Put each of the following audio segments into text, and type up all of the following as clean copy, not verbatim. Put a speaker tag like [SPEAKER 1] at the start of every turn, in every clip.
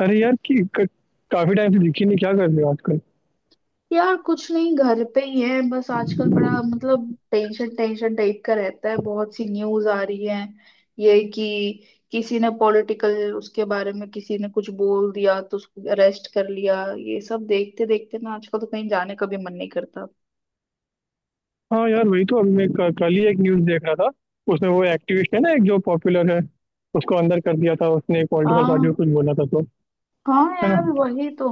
[SPEAKER 1] अरे यार काफी टाइम से दिखी नहीं, क्या कर रहे हो आजकल।
[SPEAKER 2] यार कुछ नहीं, घर पे ही है बस। आजकल बड़ा मतलब टेंशन टेंशन टाइप का रहता है। बहुत सी न्यूज आ रही है ये कि किसी ने पॉलिटिकल उसके बारे में किसी ने कुछ बोल दिया तो उसको अरेस्ट कर लिया। ये सब देखते देखते ना आजकल तो कहीं जाने का भी मन नहीं करता।
[SPEAKER 1] हाँ यार, वही तो। अभी कल ही एक न्यूज देख रहा था। उसमें वो एक्टिविस्ट है ना, एक जो पॉपुलर है। उसको अंदर कर दिया था, उसने एक पॉलिटिकल पार्टी को
[SPEAKER 2] हाँ
[SPEAKER 1] कुछ बोला था तो।
[SPEAKER 2] हाँ
[SPEAKER 1] है
[SPEAKER 2] यार,
[SPEAKER 1] ना।
[SPEAKER 2] वही तो।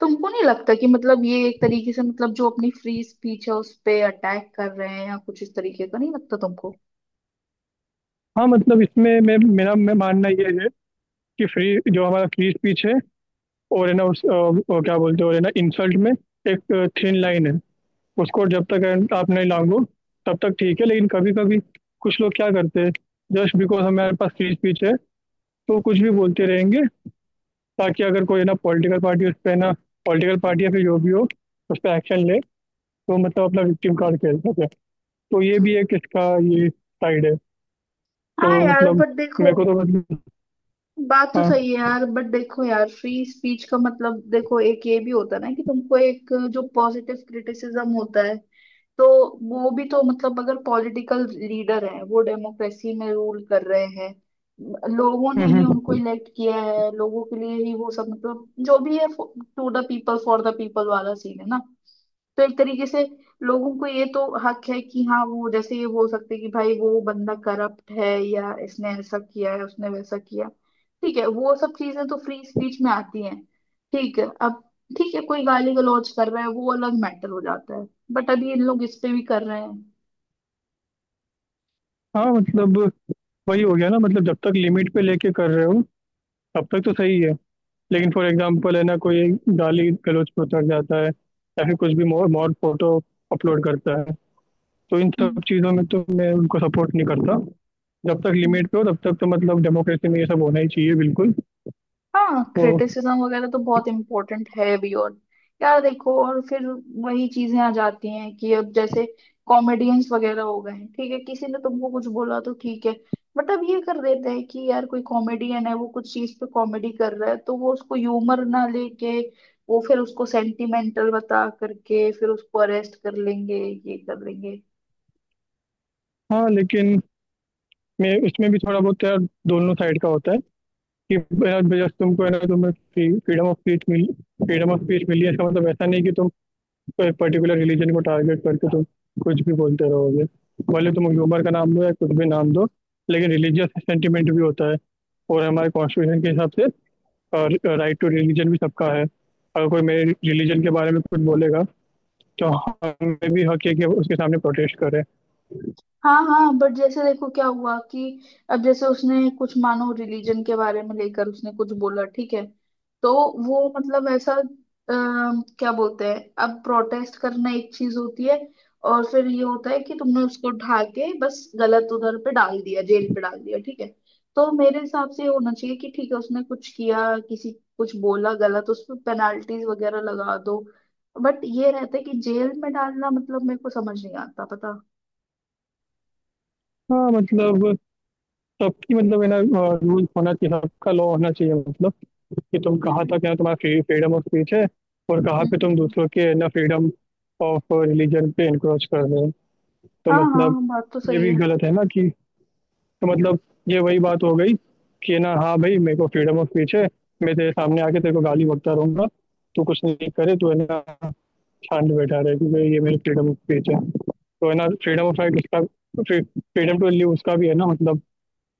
[SPEAKER 2] तुमको नहीं लगता कि मतलब ये एक तरीके से मतलब जो अपनी फ्री स्पीच है उस पे अटैक कर रहे हैं या कुछ इस तरीके का? नहीं लगता तुमको?
[SPEAKER 1] हाँ मतलब, इसमें मैं मानना ये है कि फ्री, जो हमारा फ्री स्पीच है और है ना, वो क्या बोलते हैं, और है ना, इंसल्ट में एक थिन लाइन है। उसको जब तक आप नहीं लांघो, तब तक ठीक है। लेकिन कभी कभी कुछ लोग क्या करते हैं, जस्ट बिकॉज हमारे पास फ्री स्पीच है तो कुछ भी बोलते रहेंगे, ताकि अगर कोई ना पॉलिटिकल पार्टी उस पर ना, पॉलिटिकल पार्टी या फिर जो भी हो उस पर एक्शन ले, तो मतलब अपना विक्टिम कार्ड खेल सके। तो ये भी एक इसका, ये साइड है। तो
[SPEAKER 2] हाँ यार,
[SPEAKER 1] मतलब,
[SPEAKER 2] बट देखो,
[SPEAKER 1] मेरे को तो मतलब।
[SPEAKER 2] बात तो
[SPEAKER 1] हाँ।
[SPEAKER 2] सही है यार। बट देखो यार, फ्री स्पीच का मतलब देखो, एक ये भी होता है ना कि तुमको एक जो पॉजिटिव क्रिटिसिज्म होता है, तो वो भी तो मतलब, अगर पॉलिटिकल लीडर है, वो डेमोक्रेसी में रूल कर रहे हैं, लोगों ने
[SPEAKER 1] हम्म
[SPEAKER 2] ही उनको
[SPEAKER 1] हम्म,
[SPEAKER 2] इलेक्ट किया है, लोगों के लिए ही वो सब मतलब जो भी है, to the people for the people वाला सीन है ना। तो एक तरीके से लोगों को ये तो हक है कि हाँ, वो जैसे ये हो सकते कि भाई वो बंदा करप्ट है या इसने ऐसा किया है उसने वैसा किया। ठीक है, वो सब चीजें तो फ्री स्पीच में आती हैं। ठीक है, अब ठीक है कोई गाली गलौज कर रहा है, वो अलग मैटर हो जाता है। बट अभी इन लोग इस पे भी कर रहे हैं।
[SPEAKER 1] हाँ मतलब, वही हो गया ना। मतलब जब तक लिमिट पे लेके कर रहे हो, तब तक तो सही है। लेकिन फॉर एग्जांपल है ना, कोई गाली गलौज पे उतर जाता है या फिर कुछ भी मोर मोर फोटो अपलोड करता है, तो इन
[SPEAKER 2] हम्म,
[SPEAKER 1] सब चीज़ों में तो मैं उनको सपोर्ट नहीं करता। जब तक
[SPEAKER 2] हम्म।
[SPEAKER 1] लिमिट पे हो तब तक तो मतलब डेमोक्रेसी में ये सब होना ही चाहिए बिल्कुल।
[SPEAKER 2] हाँ,
[SPEAKER 1] तो
[SPEAKER 2] क्रिटिसिज्म वगैरह तो बहुत इम्पोर्टेंट है भी। और यार देखो, और फिर वही चीजें आ जाती हैं कि अब जैसे कॉमेडियंस वगैरह हो गए हैं, ठीक है किसी ने तुमको कुछ बोला तो ठीक है। बट अब ये कर देते हैं कि यार कोई कॉमेडियन है, वो कुछ चीज पे कॉमेडी कर रहा है तो वो उसको ह्यूमर ना लेके वो फिर उसको सेंटिमेंटल बता करके फिर उसको अरेस्ट कर लेंगे, ये कर लेंगे।
[SPEAKER 1] हाँ, लेकिन मैं उसमें भी थोड़ा बहुत यार, दोनों साइड का होता है कि यार जब तुमको है ना, तुम्हें फ्रीडम ऑफ स्पीच मिली, फ्रीडम ऑफ स्पीच मिली है इसका मतलब ऐसा नहीं कि तुम कोई पर्टिकुलर रिलीजन को टारगेट करके तुम कुछ भी बोलते रहोगे। भले तुम ह्यूमर का नाम दो या कुछ भी नाम दो, लेकिन रिलीजियस सेंटिमेंट भी होता है। और हमारे कॉन्स्टिट्यूशन के हिसाब से राइट टू रिलीजन भी सबका है। अगर कोई मेरे रिलीजन के बारे में कुछ बोलेगा तो हमें भी हक है कि उसके सामने प्रोटेस्ट करें।
[SPEAKER 2] हाँ हाँ, बट जैसे देखो क्या हुआ कि अब जैसे उसने कुछ मानो रिलीजन के बारे में लेकर उसने कुछ बोला, ठीक है। तो वो मतलब ऐसा क्या बोलते हैं, अब प्रोटेस्ट करना एक चीज होती है। और फिर ये होता है कि तुमने उसको ढा के बस गलत उधर पे डाल दिया, जेल पे डाल दिया। ठीक है, तो मेरे हिसाब से ये होना चाहिए कि ठीक है उसने कुछ किया, किसी कुछ बोला गलत, उस पर पेनाल्टीज वगैरह लगा दो। बट ये रहता है कि जेल में डालना मतलब मेरे को समझ नहीं आता, पता।
[SPEAKER 1] हाँ मतलब, सबकी मतलब है ना, रूल होना चाहिए, सबका लॉ होना चाहिए। मतलब कि तुम कहाँ तक है ना तुम्हारा फ्रीडम ऑफ स्पीच है, और कहाँ पे तुम
[SPEAKER 2] हम्म,
[SPEAKER 1] दूसरों के ना फ्रीडम ऑफ रिलीजन पे इनक्रोच कर रहे हो। तो
[SPEAKER 2] हाँ
[SPEAKER 1] मतलब
[SPEAKER 2] हाँ, बात तो
[SPEAKER 1] ये
[SPEAKER 2] सही
[SPEAKER 1] भी
[SPEAKER 2] है।
[SPEAKER 1] गलत है ना कि। तो मतलब ये वही बात हो गई कि ना, हाँ भाई मेरे को फ्रीडम ऑफ स्पीच है, मैं तेरे सामने आके तेरे को गाली बकता रहूंगा, तू कुछ नहीं करे तो है ना, शांत बैठा रहे क्योंकि ये मेरी फ्रीडम ऑफ स्पीच है। तो है ना फ्रीडम ऑफ राइट उसका, फ्रीडम टू लिव उसका भी है ना मतलब,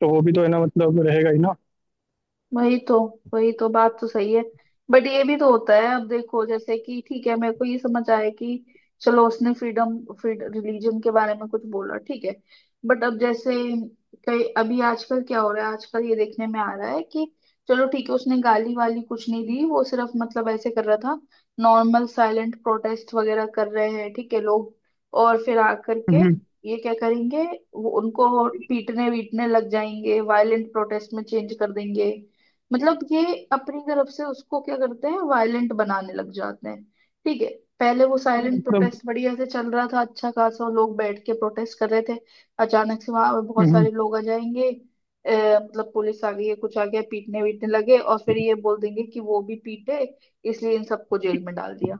[SPEAKER 1] तो वो भी तो है ना मतलब रहेगा ही
[SPEAKER 2] वही तो, बात तो सही है। बट ये भी तो होता है, अब देखो जैसे कि ठीक है मेरे को ये समझ आया कि चलो उसने फ्रीडम फ्रीड रिलीजन के बारे में कुछ बोला, ठीक है। बट अब जैसे कई अभी आजकल क्या हो रहा है, आजकल ये देखने में आ रहा है कि चलो ठीक है उसने गाली वाली कुछ नहीं दी, वो सिर्फ मतलब ऐसे कर रहा था, नॉर्मल साइलेंट प्रोटेस्ट वगैरह कर रहे हैं ठीक है लोग। और फिर आकर के
[SPEAKER 1] ना।
[SPEAKER 2] ये क्या करेंगे, वो उनको पीटने वीटने लग जाएंगे, वायलेंट प्रोटेस्ट में चेंज कर देंगे। मतलब ये अपनी तरफ से उसको क्या करते हैं, वायलेंट बनाने लग जाते हैं। ठीक है, पहले वो
[SPEAKER 1] हाँ
[SPEAKER 2] साइलेंट
[SPEAKER 1] मतलब।
[SPEAKER 2] प्रोटेस्ट बढ़िया से चल रहा था, अच्छा खासा लोग बैठ के प्रोटेस्ट कर रहे थे। अचानक से वहां बहुत
[SPEAKER 1] हम्म।
[SPEAKER 2] सारे लोग आ जाएंगे, मतलब पुलिस आ गई है कुछ आ गया, पीटने वीटने लगे और फिर ये बोल देंगे कि वो भी पीटे, इसलिए इन सबको जेल में डाल दिया।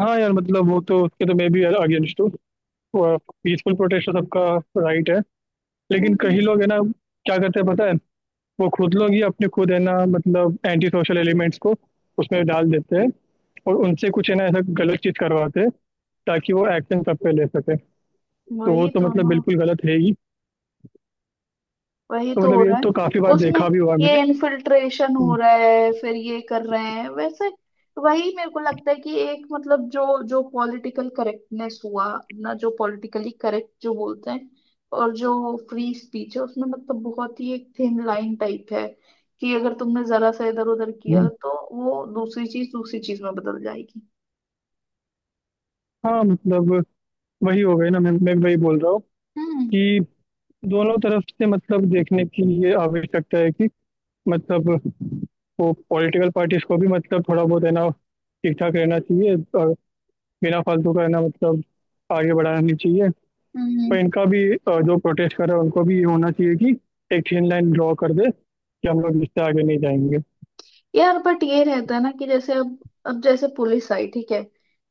[SPEAKER 1] हाँ यार मतलब, वो तो उसके तो मैं भी अगेंस्ट हूँ। पीसफुल प्रोटेस्ट तो सबका राइट है। लेकिन
[SPEAKER 2] हम्म।
[SPEAKER 1] कई लोग है ना क्या करते हैं पता है, वो खुद लोग ही अपने खुद है ना, मतलब एंटी सोशल एलिमेंट्स को उसमें डाल देते हैं, और उनसे कुछ है ना ऐसा गलत चीज करवाते हैं, ताकि वो एक्शन सब पे ले सके। तो वो
[SPEAKER 2] वही
[SPEAKER 1] तो
[SPEAKER 2] तो
[SPEAKER 1] मतलब
[SPEAKER 2] ना,
[SPEAKER 1] बिल्कुल गलत है ही।
[SPEAKER 2] वही
[SPEAKER 1] तो
[SPEAKER 2] तो
[SPEAKER 1] मतलब
[SPEAKER 2] हो
[SPEAKER 1] ये
[SPEAKER 2] रहा है।
[SPEAKER 1] तो काफी बार
[SPEAKER 2] उसमें
[SPEAKER 1] देखा भी हुआ है
[SPEAKER 2] ये
[SPEAKER 1] मैंने।
[SPEAKER 2] इन्फिल्ट्रेशन हो
[SPEAKER 1] हम्म।
[SPEAKER 2] रहा है फिर ये कर रहे हैं वैसे। वही मेरे को लगता है कि एक मतलब जो जो पॉलिटिकल करेक्टनेस हुआ ना, जो पॉलिटिकली करेक्ट जो बोलते हैं और जो फ्री स्पीच है, उसमें मतलब बहुत ही एक थिन लाइन टाइप है कि अगर तुमने जरा सा इधर उधर किया
[SPEAKER 1] हम्म,
[SPEAKER 2] तो वो दूसरी चीज में बदल जाएगी।
[SPEAKER 1] हाँ मतलब वही हो गई ना। मैं वही बोल रहा हूँ
[SPEAKER 2] हम्म
[SPEAKER 1] कि दोनों तरफ से मतलब देखने की ये आवश्यकता है कि, मतलब वो पॉलिटिकल पार्टीज को भी मतलब थोड़ा बहुत है ना ठीक ठाक रहना चाहिए, और बिना फालतू का है ना मतलब आगे बढ़ाना नहीं चाहिए। पर
[SPEAKER 2] हम्म।
[SPEAKER 1] इनका भी जो प्रोटेस्ट कर रहे हैं उनको भी ये होना चाहिए कि एक थिन लाइन ड्रॉ कर दे कि हम लोग इससे आगे नहीं जाएंगे।
[SPEAKER 2] यार बट ये रहता है ना कि जैसे अब जैसे पुलिस आई ठीक है,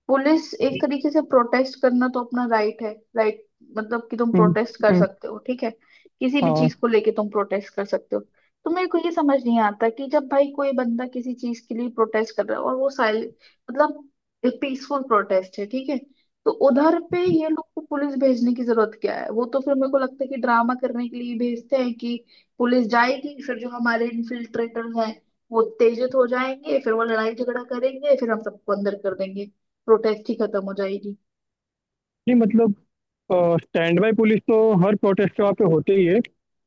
[SPEAKER 2] पुलिस एक तरीके से, प्रोटेस्ट करना तो अपना राइट है, राइट? मतलब कि तुम
[SPEAKER 1] हम्म,
[SPEAKER 2] प्रोटेस्ट कर
[SPEAKER 1] हम्म।
[SPEAKER 2] सकते हो ठीक है, किसी भी
[SPEAKER 1] हाँ।
[SPEAKER 2] चीज को लेके तुम प्रोटेस्ट कर सकते हो। तो मेरे को ये समझ नहीं आता कि जब भाई कोई बंदा किसी चीज के लिए प्रोटेस्ट कर रहा है और वो साइल मतलब पीसफुल प्रोटेस्ट है, ठीक है। तो उधर पे ये लोग को पुलिस भेजने की जरूरत क्या है? वो तो फिर मेरे को लगता है कि ड्रामा करने के लिए भेजते हैं कि पुलिस जाएगी, फिर जो हमारे इन्फिल्ट्रेटर्स हैं वो उत्तेजित हो जाएंगे, फिर वो लड़ाई झगड़ा करेंगे, फिर हम सबको अंदर कर देंगे, प्रोटेस्ट ही खत्म हो जाएगी।
[SPEAKER 1] नहीं मतलब, स्टैंड बाय पुलिस तो हर प्रोटेस्ट के वहाँ पे होते ही है,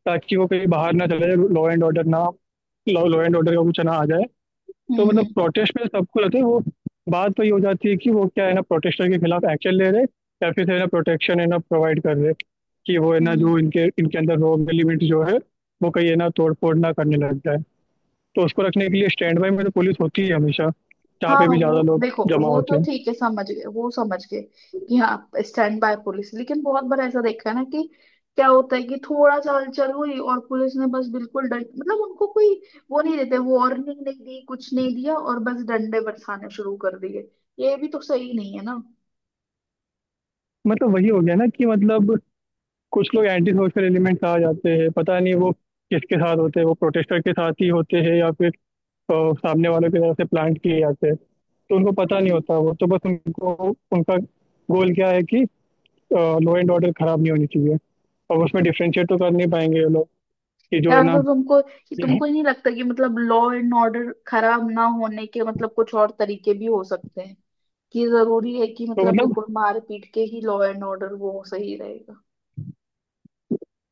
[SPEAKER 1] ताकि वो कहीं बाहर ना चले जाए, लॉ एंड ऑर्डर का कुछ ना आ जाए।
[SPEAKER 2] हम्म
[SPEAKER 1] तो मतलब
[SPEAKER 2] हम्म
[SPEAKER 1] प्रोटेस्ट में सबको रहते हैं वो। बात वही हो जाती है कि वो क्या है ना, प्रोटेस्टर के खिलाफ एक्शन ले रहे हैं, या फिर है ना प्रोटेक्शन है ना प्रोवाइड कर रहे हैं, कि वो है ना,
[SPEAKER 2] हम्म।
[SPEAKER 1] जो इनके इनके अंदर रॉ एलिमेंट जो है, वो कहीं है ना तोड़फोड़ ना करने लग जाए। तो उसको रखने के लिए स्टैंड बाय में तो पुलिस होती है हमेशा, जहाँ
[SPEAKER 2] हाँ
[SPEAKER 1] पे
[SPEAKER 2] हाँ,
[SPEAKER 1] भी ज्यादा
[SPEAKER 2] वो
[SPEAKER 1] लोग
[SPEAKER 2] देखो
[SPEAKER 1] जमा
[SPEAKER 2] वो
[SPEAKER 1] होते
[SPEAKER 2] तो
[SPEAKER 1] हैं।
[SPEAKER 2] ठीक है, समझ गए वो समझ गए कि हाँ स्टैंड बाय पुलिस। लेकिन बहुत बार ऐसा देखा है ना कि क्या होता है कि थोड़ा सा हलचल हुई और पुलिस ने बस बिल्कुल डर, मतलब उनको कोई वो नहीं देते, वार्निंग नहीं दी कुछ नहीं दिया और बस डंडे बरसाने शुरू कर दिए। ये भी तो सही नहीं है ना।
[SPEAKER 1] मतलब वही हो गया ना कि मतलब, कुछ लोग एंटी सोशल एलिमेंट्स आ जाते हैं, पता नहीं वो किसके साथ होते हैं, वो प्रोटेस्टर के साथ ही होते हैं या फिर तो सामने वालों की तरफ से प्लांट किए जाते हैं। तो उनको पता नहीं होता, वो तो बस उनको, उनका गोल क्या है कि लॉ एंड ऑर्डर खराब नहीं होनी चाहिए। और उसमें डिफ्रेंशिएट तो कर नहीं पाएंगे ये लोग कि जो
[SPEAKER 2] यार
[SPEAKER 1] है ना,
[SPEAKER 2] तो तुमको,
[SPEAKER 1] यहाँ-
[SPEAKER 2] ही नहीं लगता कि मतलब लॉ एंड ऑर्डर खराब ना होने के मतलब कुछ और तरीके भी हो सकते हैं? कि जरूरी है कि
[SPEAKER 1] तो
[SPEAKER 2] मतलब
[SPEAKER 1] मतलब
[SPEAKER 2] बिल्कुल मार पीट के ही लॉ एंड ऑर्डर वो सही रहेगा?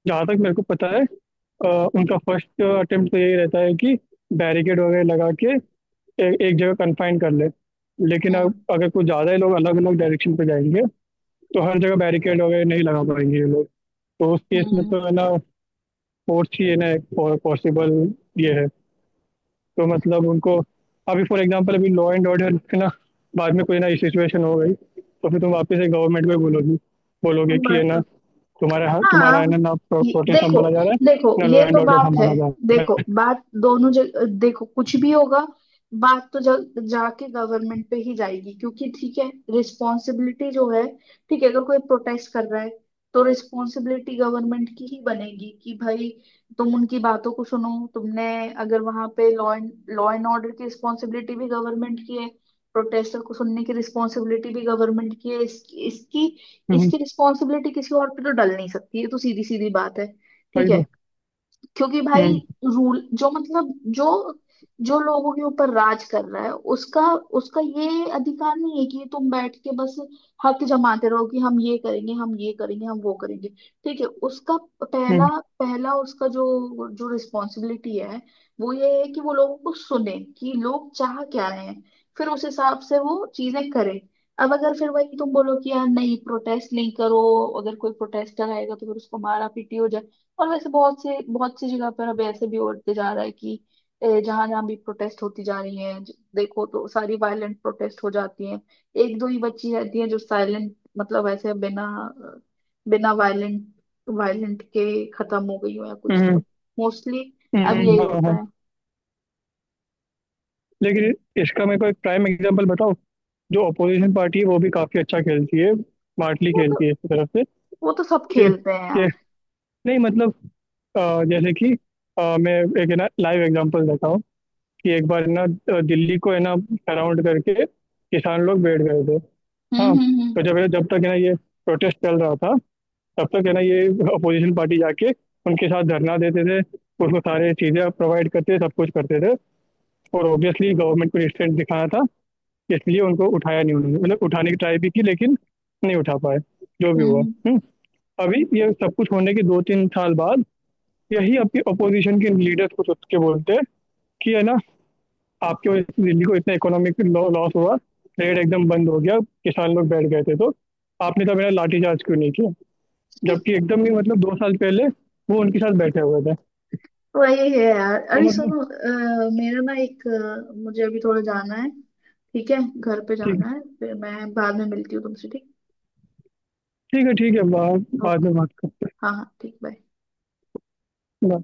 [SPEAKER 1] जहाँ तक मेरे को पता है, अ, उनका फर्स्ट अटेम्प्ट तो यही रहता है कि बैरिकेड वगैरह लगा के, एक जगह कन्फाइन कर ले। लेकिन
[SPEAKER 2] हम्म
[SPEAKER 1] अब अगर कुछ ज़्यादा ही लोग अलग अलग डायरेक्शन पे जाएंगे, तो हर जगह बैरिकेड वगैरह नहीं लगा पाएंगे ये लोग। तो उस केस में
[SPEAKER 2] हम्म,
[SPEAKER 1] तो है ना फोर्स ही है ना पॉसिबल ये है। तो मतलब उनको, अभी फॉर एग्जांपल अभी लॉ एंड ऑर्डर के ना बाद में कोई ना सिचुएशन हो गई, तो फिर तुम वापस से गवर्नमेंट को ही बोलोगी बोलोगे कि
[SPEAKER 2] बात
[SPEAKER 1] है ना
[SPEAKER 2] तो
[SPEAKER 1] तुम्हारा, तुम्हारा है
[SPEAKER 2] हाँ।
[SPEAKER 1] ना ना प्रोटेस्ट
[SPEAKER 2] देखो
[SPEAKER 1] संभाला जा रहा है
[SPEAKER 2] देखो,
[SPEAKER 1] ना, लॉ
[SPEAKER 2] ये तो
[SPEAKER 1] एंड ऑर्डर
[SPEAKER 2] बात है।
[SPEAKER 1] संभाला जा रहा
[SPEAKER 2] देखो
[SPEAKER 1] है।
[SPEAKER 2] बात दोनों जगह, देखो कुछ भी होगा, बात तो जाके गवर्नमेंट पे ही जाएगी। क्योंकि ठीक है रिस्पॉन्सिबिलिटी जो है, ठीक है अगर कोई प्रोटेस्ट कर रहा है तो रिस्पॉन्सिबिलिटी गवर्नमेंट की ही बनेगी कि भाई तुम उनकी बातों को सुनो। तुमने अगर वहां पे लॉ एंड ऑर्डर की रिस्पॉन्सिबिलिटी भी गवर्नमेंट की है, प्रोटेस्टर को सुनने की रिस्पॉन्सिबिलिटी भी गवर्नमेंट की है। इसकी,
[SPEAKER 1] हम्म।
[SPEAKER 2] रिस्पॉन्सिबिलिटी किसी और पे तो डल नहीं सकती, ये तो सीधी सीधी बात है। ठीक
[SPEAKER 1] वही
[SPEAKER 2] है,
[SPEAKER 1] तो।
[SPEAKER 2] क्योंकि भाई
[SPEAKER 1] हम्म,
[SPEAKER 2] रूल जो मतलब जो जो लोगों के ऊपर राज कर रहा है, उसका, ये अधिकार नहीं है कि तुम बैठ के बस हक जमाते रहो कि हम ये करेंगे हम ये करेंगे हम वो करेंगे। ठीक है, उसका
[SPEAKER 1] हम्म,
[SPEAKER 2] पहला, उसका जो जो रिस्पॉन्सिबिलिटी है, वो ये है कि वो लोगों को सुने कि लोग चाह क्या रहे हैं, फिर उस हिसाब से वो चीजें करे। अब अगर फिर वही तुम बोलो कि यार नहीं प्रोटेस्ट नहीं करो, अगर कोई प्रोटेस्टर आएगा तो फिर उसको मारा पीटी हो जाए। और वैसे बहुत सी जगह पर अब ऐसे भी होते जा रहा है कि जहां जहां भी प्रोटेस्ट होती जा रही है, देखो तो सारी वायलेंट प्रोटेस्ट हो जाती हैं। एक दो ही बच्ची रहती है जो साइलेंट मतलब ऐसे बिना, बिना वायलेंट, वायलेंट के खत्म हो गई हो या कुछ,
[SPEAKER 1] हम्म,
[SPEAKER 2] मोस्टली अब
[SPEAKER 1] हम्म।
[SPEAKER 2] यही
[SPEAKER 1] हाँ
[SPEAKER 2] होता
[SPEAKER 1] हाँ।
[SPEAKER 2] है।
[SPEAKER 1] लेकिन इसका मेरे को एक प्राइम एग्जांपल बताओ। जो अपोजिशन पार्टी है वो भी काफी अच्छा खेलती है, स्मार्टली
[SPEAKER 2] वो तो,
[SPEAKER 1] खेलती है इस तरफ से
[SPEAKER 2] सब
[SPEAKER 1] कि,
[SPEAKER 2] खेलते हैं
[SPEAKER 1] कि-
[SPEAKER 2] यार।
[SPEAKER 1] नहीं मतलब जैसे कि, मैं एक है ना लाइव एग्जांपल देता हूँ कि, एक बार ना दिल्ली को है ना सराउंड करके किसान लोग बैठ गए थे।
[SPEAKER 2] हम्म
[SPEAKER 1] हाँ
[SPEAKER 2] हम्म हम्म
[SPEAKER 1] तो जब जब तक है ना ये प्रोटेस्ट चल रहा था, तब तक है ना ये अपोजिशन पार्टी जाके उनके साथ धरना देते थे, उसको सारे चीजें प्रोवाइड करते थे, सब कुछ करते थे। और ऑब्वियसली गवर्नमेंट को रिस्ट्रेंट दिखाना था, इसलिए उनको उठाया नहीं, उन्होंने मतलब उठाने की ट्राई भी की लेकिन नहीं उठा पाए, जो भी
[SPEAKER 2] हम्म
[SPEAKER 1] हुआ।
[SPEAKER 2] हम्म।
[SPEAKER 1] हुँ? अभी ये सब कुछ होने के 2 3 साल बाद, यही आपके अपोजिशन के लीडर्स कुछ उठ के बोलते हैं कि है ना, आपकी वजह से दिल्ली को इतना इकोनॉमिक लॉस हुआ, ट्रेड एकदम बंद हो गया, किसान लोग बैठ गए थे तो आपने तो मेरा लाठीचार्ज क्यों नहीं किया, जबकि एकदम ही मतलब 2 साल पहले वो उनके साथ बैठे हुए थे।
[SPEAKER 2] वही है यार,
[SPEAKER 1] तो
[SPEAKER 2] अरे
[SPEAKER 1] मतलब,
[SPEAKER 2] सुनो, मेरा ना एक, मुझे अभी थोड़ा जाना है। ठीक है घर पे
[SPEAKER 1] ठीक है
[SPEAKER 2] जाना है, फिर मैं बाद में मिलती हूँ तुमसे, ठीक?
[SPEAKER 1] ठीक है, ठीक है बाद
[SPEAKER 2] ओके।
[SPEAKER 1] में बात
[SPEAKER 2] हाँ हाँ ठीक, बाय।
[SPEAKER 1] कर।